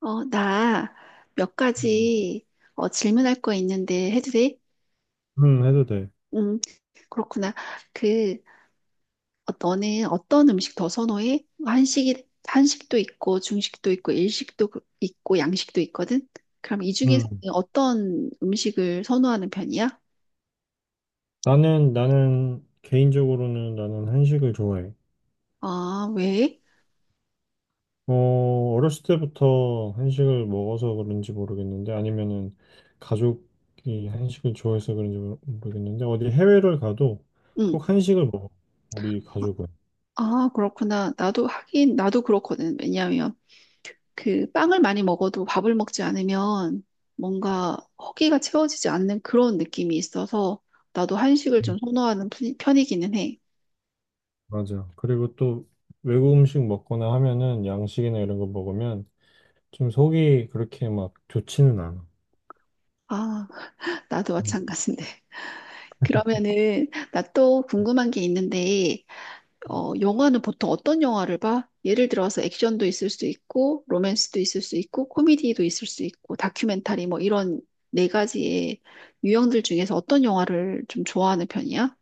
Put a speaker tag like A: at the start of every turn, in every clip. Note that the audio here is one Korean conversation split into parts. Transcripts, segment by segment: A: 나 몇
B: 음,
A: 가지 질문할 거 있는데 해도 돼?
B: 해도 돼.
A: 음, 그렇구나. 그, 너는 어떤 음식 더 선호해? 한식도 있고, 중식도 있고, 일식도 있고, 양식도 있거든? 그럼 이 중에서
B: 음.
A: 어떤 음식을 선호하는 편이야?
B: 개인적으로는 나는 한식을 좋아해.
A: 아, 왜?
B: 어렸을 때부터 한식을 먹어서 그런지 모르겠는데, 아니면은 가족이 한식을 좋아해서 그런지 모르겠는데, 어디 해외를 가도
A: 응.
B: 꼭 한식을 먹어. 우리 가족은.
A: 아, 그렇구나. 나도 하긴, 나도 그렇거든. 왜냐하면 그 빵을 많이 먹어도 밥을 먹지 않으면 뭔가 허기가 채워지지 않는 그런 느낌이 있어서 나도 한식을
B: 음,
A: 좀 선호하는 편이기는 해.
B: 맞아. 그리고 또 외국 음식 먹거나 하면은 양식이나 이런 거 먹으면 좀 속이 그렇게 막 좋지는 않아.
A: 아, 나도 마찬가지인데. 그러면은 나 또 궁금한 게 있는데, 영화는 보통 어떤 영화를 봐? 예를 들어서 액션도 있을 수 있고, 로맨스도 있을 수 있고, 코미디도 있을 수 있고, 다큐멘터리 뭐 이런 네 가지의 유형들 중에서 어떤 영화를 좀 좋아하는 편이야?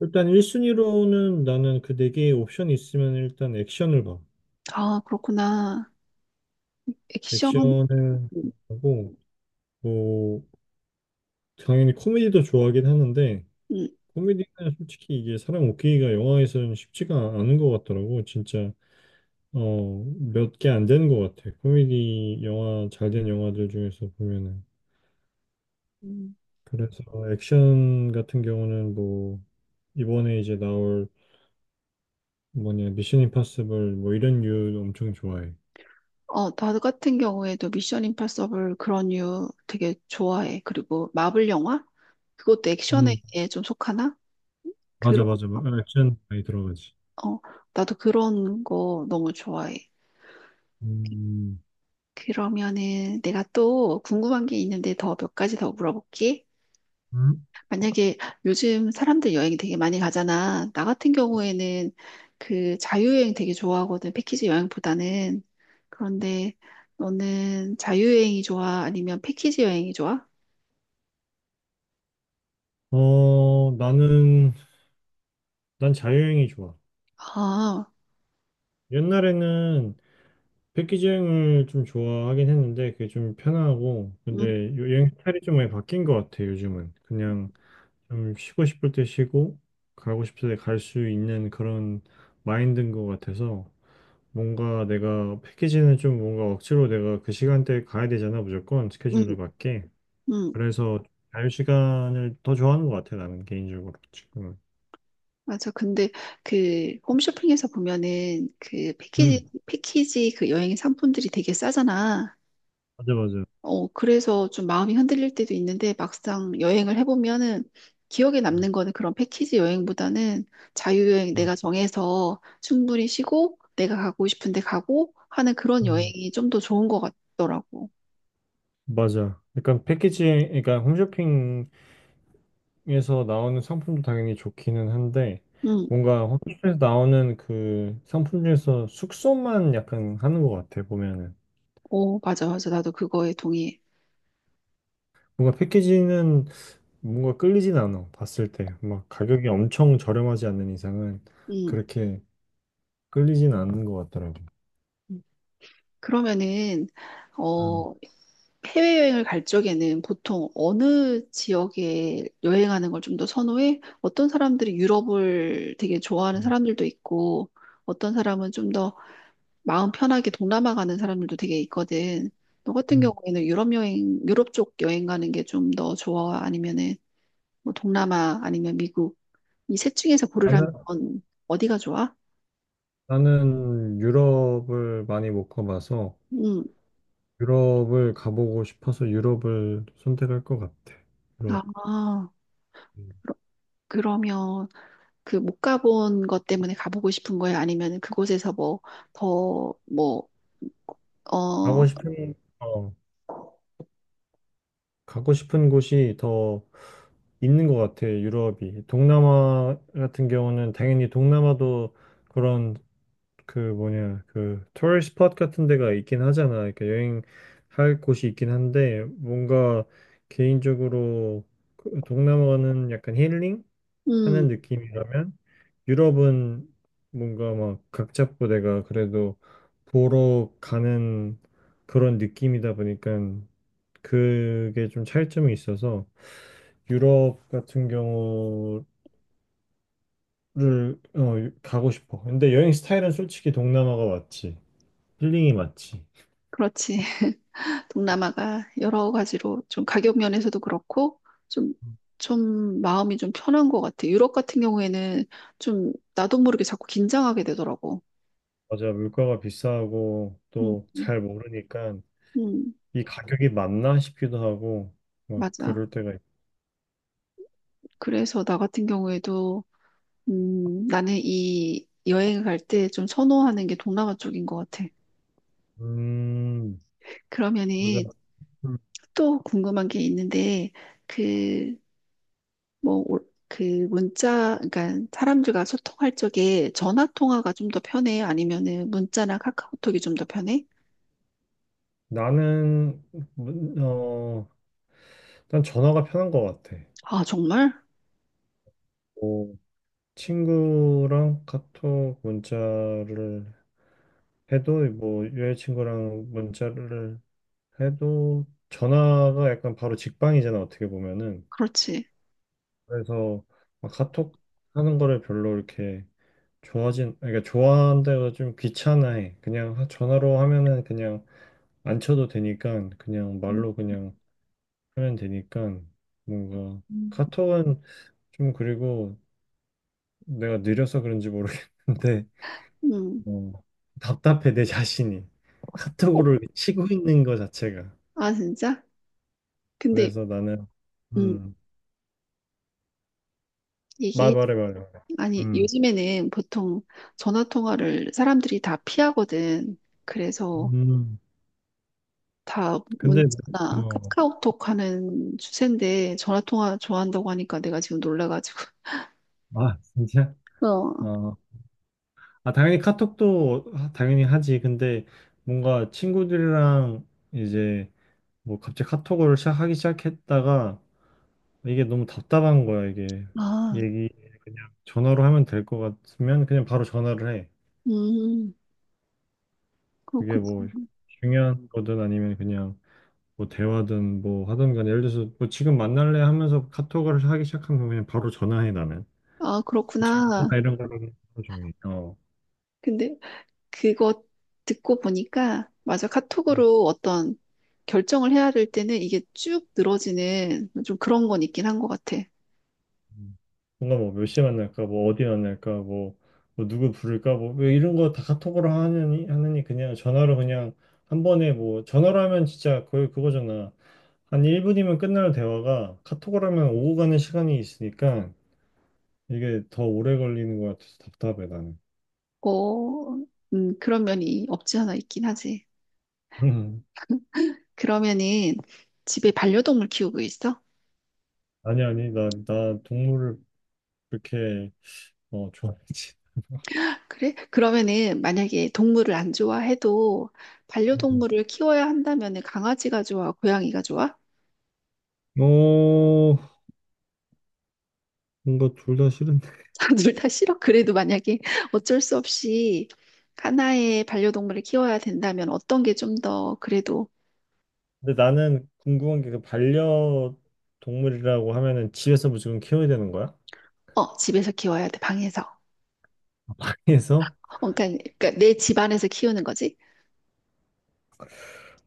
B: 일단 1순위로는 나는 그 네 개의 옵션이 있으면 일단 액션을 봐.
A: 아, 그렇구나. 액션,
B: 액션을 하고, 뭐, 당연히 코미디도 좋아하긴 하는데,
A: 음.
B: 코미디는 솔직히 이게 사람 웃기기가 영화에서는 쉽지가 않은 것 같더라고. 진짜, 몇 개 안 되는 것 같아. 코미디 영화, 잘 된 영화들 중에서 보면은.
A: 음.
B: 그래서 액션 같은 경우는 뭐, 이번에 이제 나올 뭐냐, 미션 임파서블 뭐 이런 류 엄청 좋아해.
A: 어, 나 같은 경우에도 미션 임파서블 그런 류 되게 좋아해. 그리고 마블 영화? 그것도
B: 음,
A: 액션에 좀 속하나?
B: 맞아,
A: 그런,
B: 맞아. 막 액션 많이 들어가지.
A: 어, 나도 그런 거 너무 좋아해.
B: 음,
A: 그러면은 내가 또 궁금한 게 있는데 더 몇 가지 더 물어볼게.
B: 음?
A: 만약에 요즘 사람들 여행 되게 많이 가잖아. 나 같은 경우에는 그 자유여행 되게 좋아하거든. 패키지 여행보다는. 그런데 너는 자유여행이 좋아? 아니면 패키지 여행이 좋아?
B: 어, 나는, 난 자유여행이 좋아.
A: 아,
B: 옛날에는 패키지 여행을 좀 좋아하긴 했는데, 그게 좀 편하고,
A: 음,
B: 근데 여행 스타일이 좀 많이 바뀐 것 같아, 요즘은. 그냥 좀 쉬고 싶을 때 쉬고, 가고 싶을 때 갈 수 있는 그런 마인드인 것 같아서, 뭔가 내가 패키지는 좀 뭔가 억지로 내가 그 시간대에 가야 되잖아, 무조건
A: 음,
B: 스케줄에 맞게.
A: 음.
B: 그래서 자유 시간을 더 좋아하는 것 같아 나는 개인적으로 지금은.
A: 맞아. 근데 그 홈쇼핑에서 보면은 그
B: 음.
A: 패키지 그 여행 상품들이 되게 싸잖아.
B: 맞아 맞아.
A: 어, 그래서 좀 마음이 흔들릴 때도 있는데 막상 여행을 해보면은 기억에 남는 거는 그런 패키지 여행보다는 자유여행
B: 음,
A: 내가 정해서 충분히 쉬고 내가 가고 싶은데 가고 하는 그런
B: 음.
A: 여행이 좀 더 좋은 것 같더라고.
B: 맞아. 약간 패키지, 그러니까 홈쇼핑에서 나오는 상품도 당연히 좋기는 한데,
A: 응,
B: 뭔가 홈쇼핑에서 나오는 그 상품 중에서 숙소만 약간 하는 것 같아, 보면은.
A: 오, 맞아, 맞아. 나도 그거에 동의해.
B: 뭔가 패키지는 뭔가 끌리진 않아, 봤을 때. 막 가격이 엄청 저렴하지 않는 이상은
A: 응.
B: 그렇게 끌리진 않는 것 같더라고.
A: 그러면은,
B: 음.
A: 어, 해외여행을 갈 적에는 보통 어느 지역에 여행하는 걸 좀 더 선호해? 어떤 사람들이 유럽을 되게 좋아하는 사람들도 있고, 어떤 사람은 좀 더 마음 편하게 동남아 가는 사람들도 되게 있거든. 너 같은
B: 음.
A: 경우에는 유럽 여행, 유럽 쪽 여행 가는 게 좀 더 좋아? 아니면은 뭐 동남아 아니면 미국? 이 셋 중에서 고르라면 어디가 좋아?
B: 나는 유럽을 많이 못 가봐서
A: 음,
B: 유럽을 가보고 싶어서 유럽을 선택할 것 같아. 유럽.
A: 아,
B: 음.
A: 그러면 그 못 가본 것 때문에 가보고 싶은 거예요? 아니면 그곳에서 뭐 더 뭐,
B: 가고
A: 어,
B: 싶은, 어, 가고 싶은 곳이 더 있는 것 같아, 유럽이. 동남아 같은 경우는 당연히 동남아도 그런 그 뭐냐, 그 토리스트 스팟 같은 데가 있긴 하잖아. 그러니까 여행할 곳이 있긴 한데 뭔가 개인적으로 그 동남아는 약간 힐링?
A: 음,
B: 하는 느낌이라면 유럽은 뭔가 막 각 잡고 내가 그래도 보러 가는 그런 느낌이다 보니까 그게 좀 차이점이 있어서 유럽 같은 경우를 가고 싶어. 근데 여행 스타일은 솔직히 동남아가 맞지. 힐링이 맞지.
A: 그렇지. 동남아가 여러 가지로 좀 가격 면에서도 그렇고 좀, 좀 마음이 좀 편한 것 같아 유럽 같은 경우에는 좀 나도 모르게 자꾸 긴장하게 되더라고.
B: 맞아, 물가가 비싸고
A: 음,
B: 또
A: 음,
B: 잘 모르니까
A: 음.
B: 이 가격이 맞나 싶기도 하고 막
A: 맞아.
B: 그럴 때가 있
A: 그래서 나 같은 경우에도 나는 이 여행을 갈 때 좀 선호하는 게 동남아 쪽인 것 같아.
B: 음, 맞아.
A: 그러면은 또 궁금한 게 있는데 그 그 문자 그러니까 사람들과 소통할 적에 전화 통화가 좀 더 편해? 아니면은 문자나 카카오톡이 좀 더 편해?
B: 나는 어 일단 전화가 편한 것 같아.
A: 아, 정말?
B: 뭐 친구랑 카톡 문자를 해도 뭐 여자친구랑 문자를 해도 전화가 약간 바로 직방이잖아 어떻게 보면은.
A: 그렇지.
B: 그래서 막 카톡 하는 거를 별로 이렇게 좋아진 그러니까 좋아한다고 좀 귀찮아해. 그냥 전화로 하면은 그냥 안 쳐도 되니까 그냥
A: 음,
B: 말로 그냥 하면 되니까 뭔가.
A: 음.
B: 카톡은 좀 그리고 내가 느려서 그런지 모르겠는데
A: 음.
B: 어, 답답해 내 자신이
A: 어,
B: 카톡으로 치고 있는 거 자체가
A: 아, 진짜? 근데
B: 그래서 나는
A: 음.
B: 음, 말
A: 이게
B: 말해 말해
A: 아니
B: 음,
A: 요즘에는 보통 전화 통화를 사람들이 다 피하거든. 그래서
B: 음
A: 다
B: 근데
A: 문자나
B: 어,
A: 카카오톡 하는 추세인데 전화 통화 좋아한다고 하니까 내가 지금 놀라가지고
B: 진짜
A: 어,
B: 어, 아 당연히 카톡도 당연히 하지 근데 뭔가 친구들이랑 이제 뭐 갑자기 카톡을 시작하기 시작했다가 이게 너무 답답한 거야 이게
A: 아,
B: 얘기 전화로 하면 될 것 같으면 그냥 바로 전화를 해
A: 음,
B: 그게 뭐
A: 그렇구나.
B: 중요한 거든 아니면 그냥 뭐 대화든 뭐 하든 간에 예를 들어서 뭐 지금 만날래 하면서 카톡을 하기 시작하면 그냥 바로 전화해 나는
A: 아, 그렇구나.
B: 다 이런 거는 하해 종일 어
A: 근데 그거 듣고 보니까, 맞아. 카톡으로 어떤 결정을 해야 될 때는 이게 쭉 늘어지는 좀 그런 건 있긴 한 것 같아.
B: 음. 뭔가 뭐 몇 시에 만날까 뭐 어디 만날까 뭐, 뭐 누구 부를까 뭐왜 이런 거 다 카톡으로 하느니 하느니 그냥 전화로 그냥 한 번에 뭐 전화로 하면 진짜 거의 그거잖아 한 1분이면 끝날 대화가 카톡으로 하면 오고 가는 시간이 있으니까 이게 더 오래 걸리는 것 같아서 답답해 나는
A: 어, 그런 면이 없지 않아 있긴 하지.
B: 음.
A: 그러면은 집에 반려동물 키우고 있어?
B: 아니, 나 동물을 그렇게, 좋아하지.
A: 그래? 그러면은 만약에 동물을 안 좋아해도 반려동물을 키워야 한다면은 강아지가 좋아, 고양이가 좋아?
B: 음. 어, 뭔가 둘 다 싫은데.
A: 둘 다 싫어. 그래도 만약에 어쩔 수 없이 하나의 반려동물을 키워야 된다면 어떤 게 좀 더 그래도
B: 근데 나는 궁금한 게 그 반려동물이라고 하면은 집에서 무조건 키워야 되는 거야?
A: 어, 집에서 키워야 돼. 방에서.
B: 그래서?
A: 어, 그러니까 내 집 안에서 키우는 거지.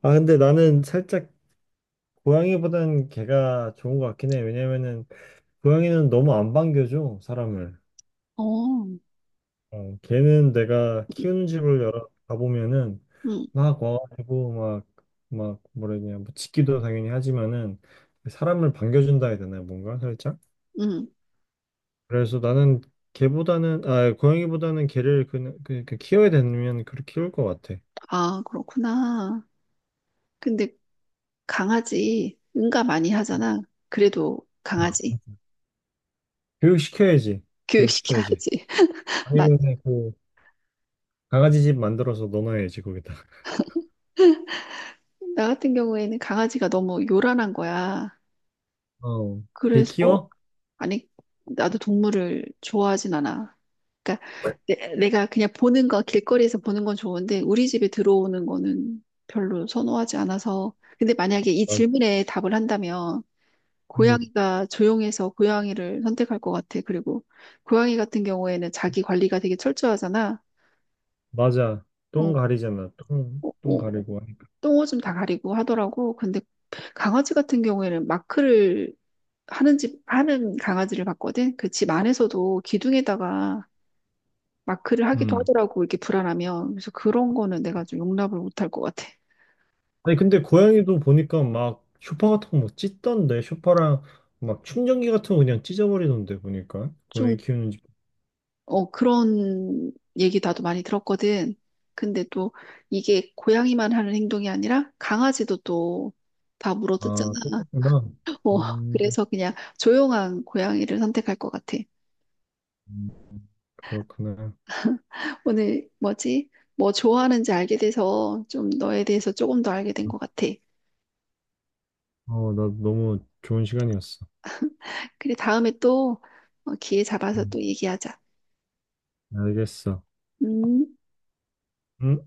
B: 아, 근데 나는 살짝 고양이보단 개가 좋은 것 같긴 해. 왜냐면은 고양이는 너무 안 반겨줘, 사람을.
A: 어, 음,
B: 걔는 내가 키우는 집을 여러 가보면은
A: 음.
B: 막 와가지고 막 뭐라 해야 되냐 뭐 짖기도 당연히 하지만은 사람을 반겨준다 해야 되나 뭔가 살짝
A: 음.
B: 그래서 나는 걔보다는 아 고양이보다는 걔를 그 키워야 되면 그렇게 키울 것 같아
A: 아, 그렇구나. 근데 강아지 응가 많이 하잖아. 그래도 강아지
B: 교육시켜야지 교육시켜야지
A: 교육시켜야지. 맞.
B: 아니면 그 강아지 집 만들어서 넣어놔야지 거기다
A: 나 같은 경우에는 강아지가 너무 요란한 거야.
B: 어걔
A: 그래서
B: 키워?
A: 아니, 나도 동물을 좋아하진 않아. 그러니까
B: 맞,
A: 내, 가 그냥 보는 거, 길거리에서 보는 건 좋은데 우리 집에 들어오는 거는 별로 선호하지 않아서. 근데 만약에 이 질문에 답을 한다면
B: 음
A: 고양이가 조용해서 고양이를 선택할 것 같아. 그리고 고양이 같은 경우에는 자기 관리가 되게 철저하잖아.
B: 맞아 똥
A: 어,
B: 가리잖아 똥
A: 어,
B: 똥
A: 어,
B: 가리고 하니까
A: 똥 오줌 다 가리고 하더라고. 근데 강아지 같은 경우에는 마크를 하는 집, 하는 강아지를 봤거든. 그 집 안에서도 기둥에다가 마크를 하기도
B: 음.
A: 하더라고, 이렇게 불안하면. 그래서 그런 거는 내가 좀 용납을 못할 것 같아.
B: 아니 근데 고양이도 보니까 막 쇼파 같은 거 막 찢던데 쇼파랑 막 충전기 같은 거 그냥 찢어버리던데 보니까
A: 좀,
B: 고양이 키우는 집.
A: 어, 그런 얘기 나도 많이 들었거든. 근데 또 이게 고양이만 하는 행동이 아니라 강아지도 또 다
B: 아
A: 물어뜯잖아.
B: 똑같구나.
A: 어,
B: 음,
A: 그래서 그냥 조용한 고양이를 선택할 것 같아.
B: 음, 그렇구나.
A: 오늘 뭐지? 뭐 좋아하는지 알게 돼서 좀 너에 대해서 조금 더 알게 된 것 같아.
B: 나 너무 좋은 시간이었어.
A: 그래, 다음에 또 어, 기회 잡아서
B: 음,
A: 또 얘기하자.
B: 알겠어.
A: 음.
B: 음.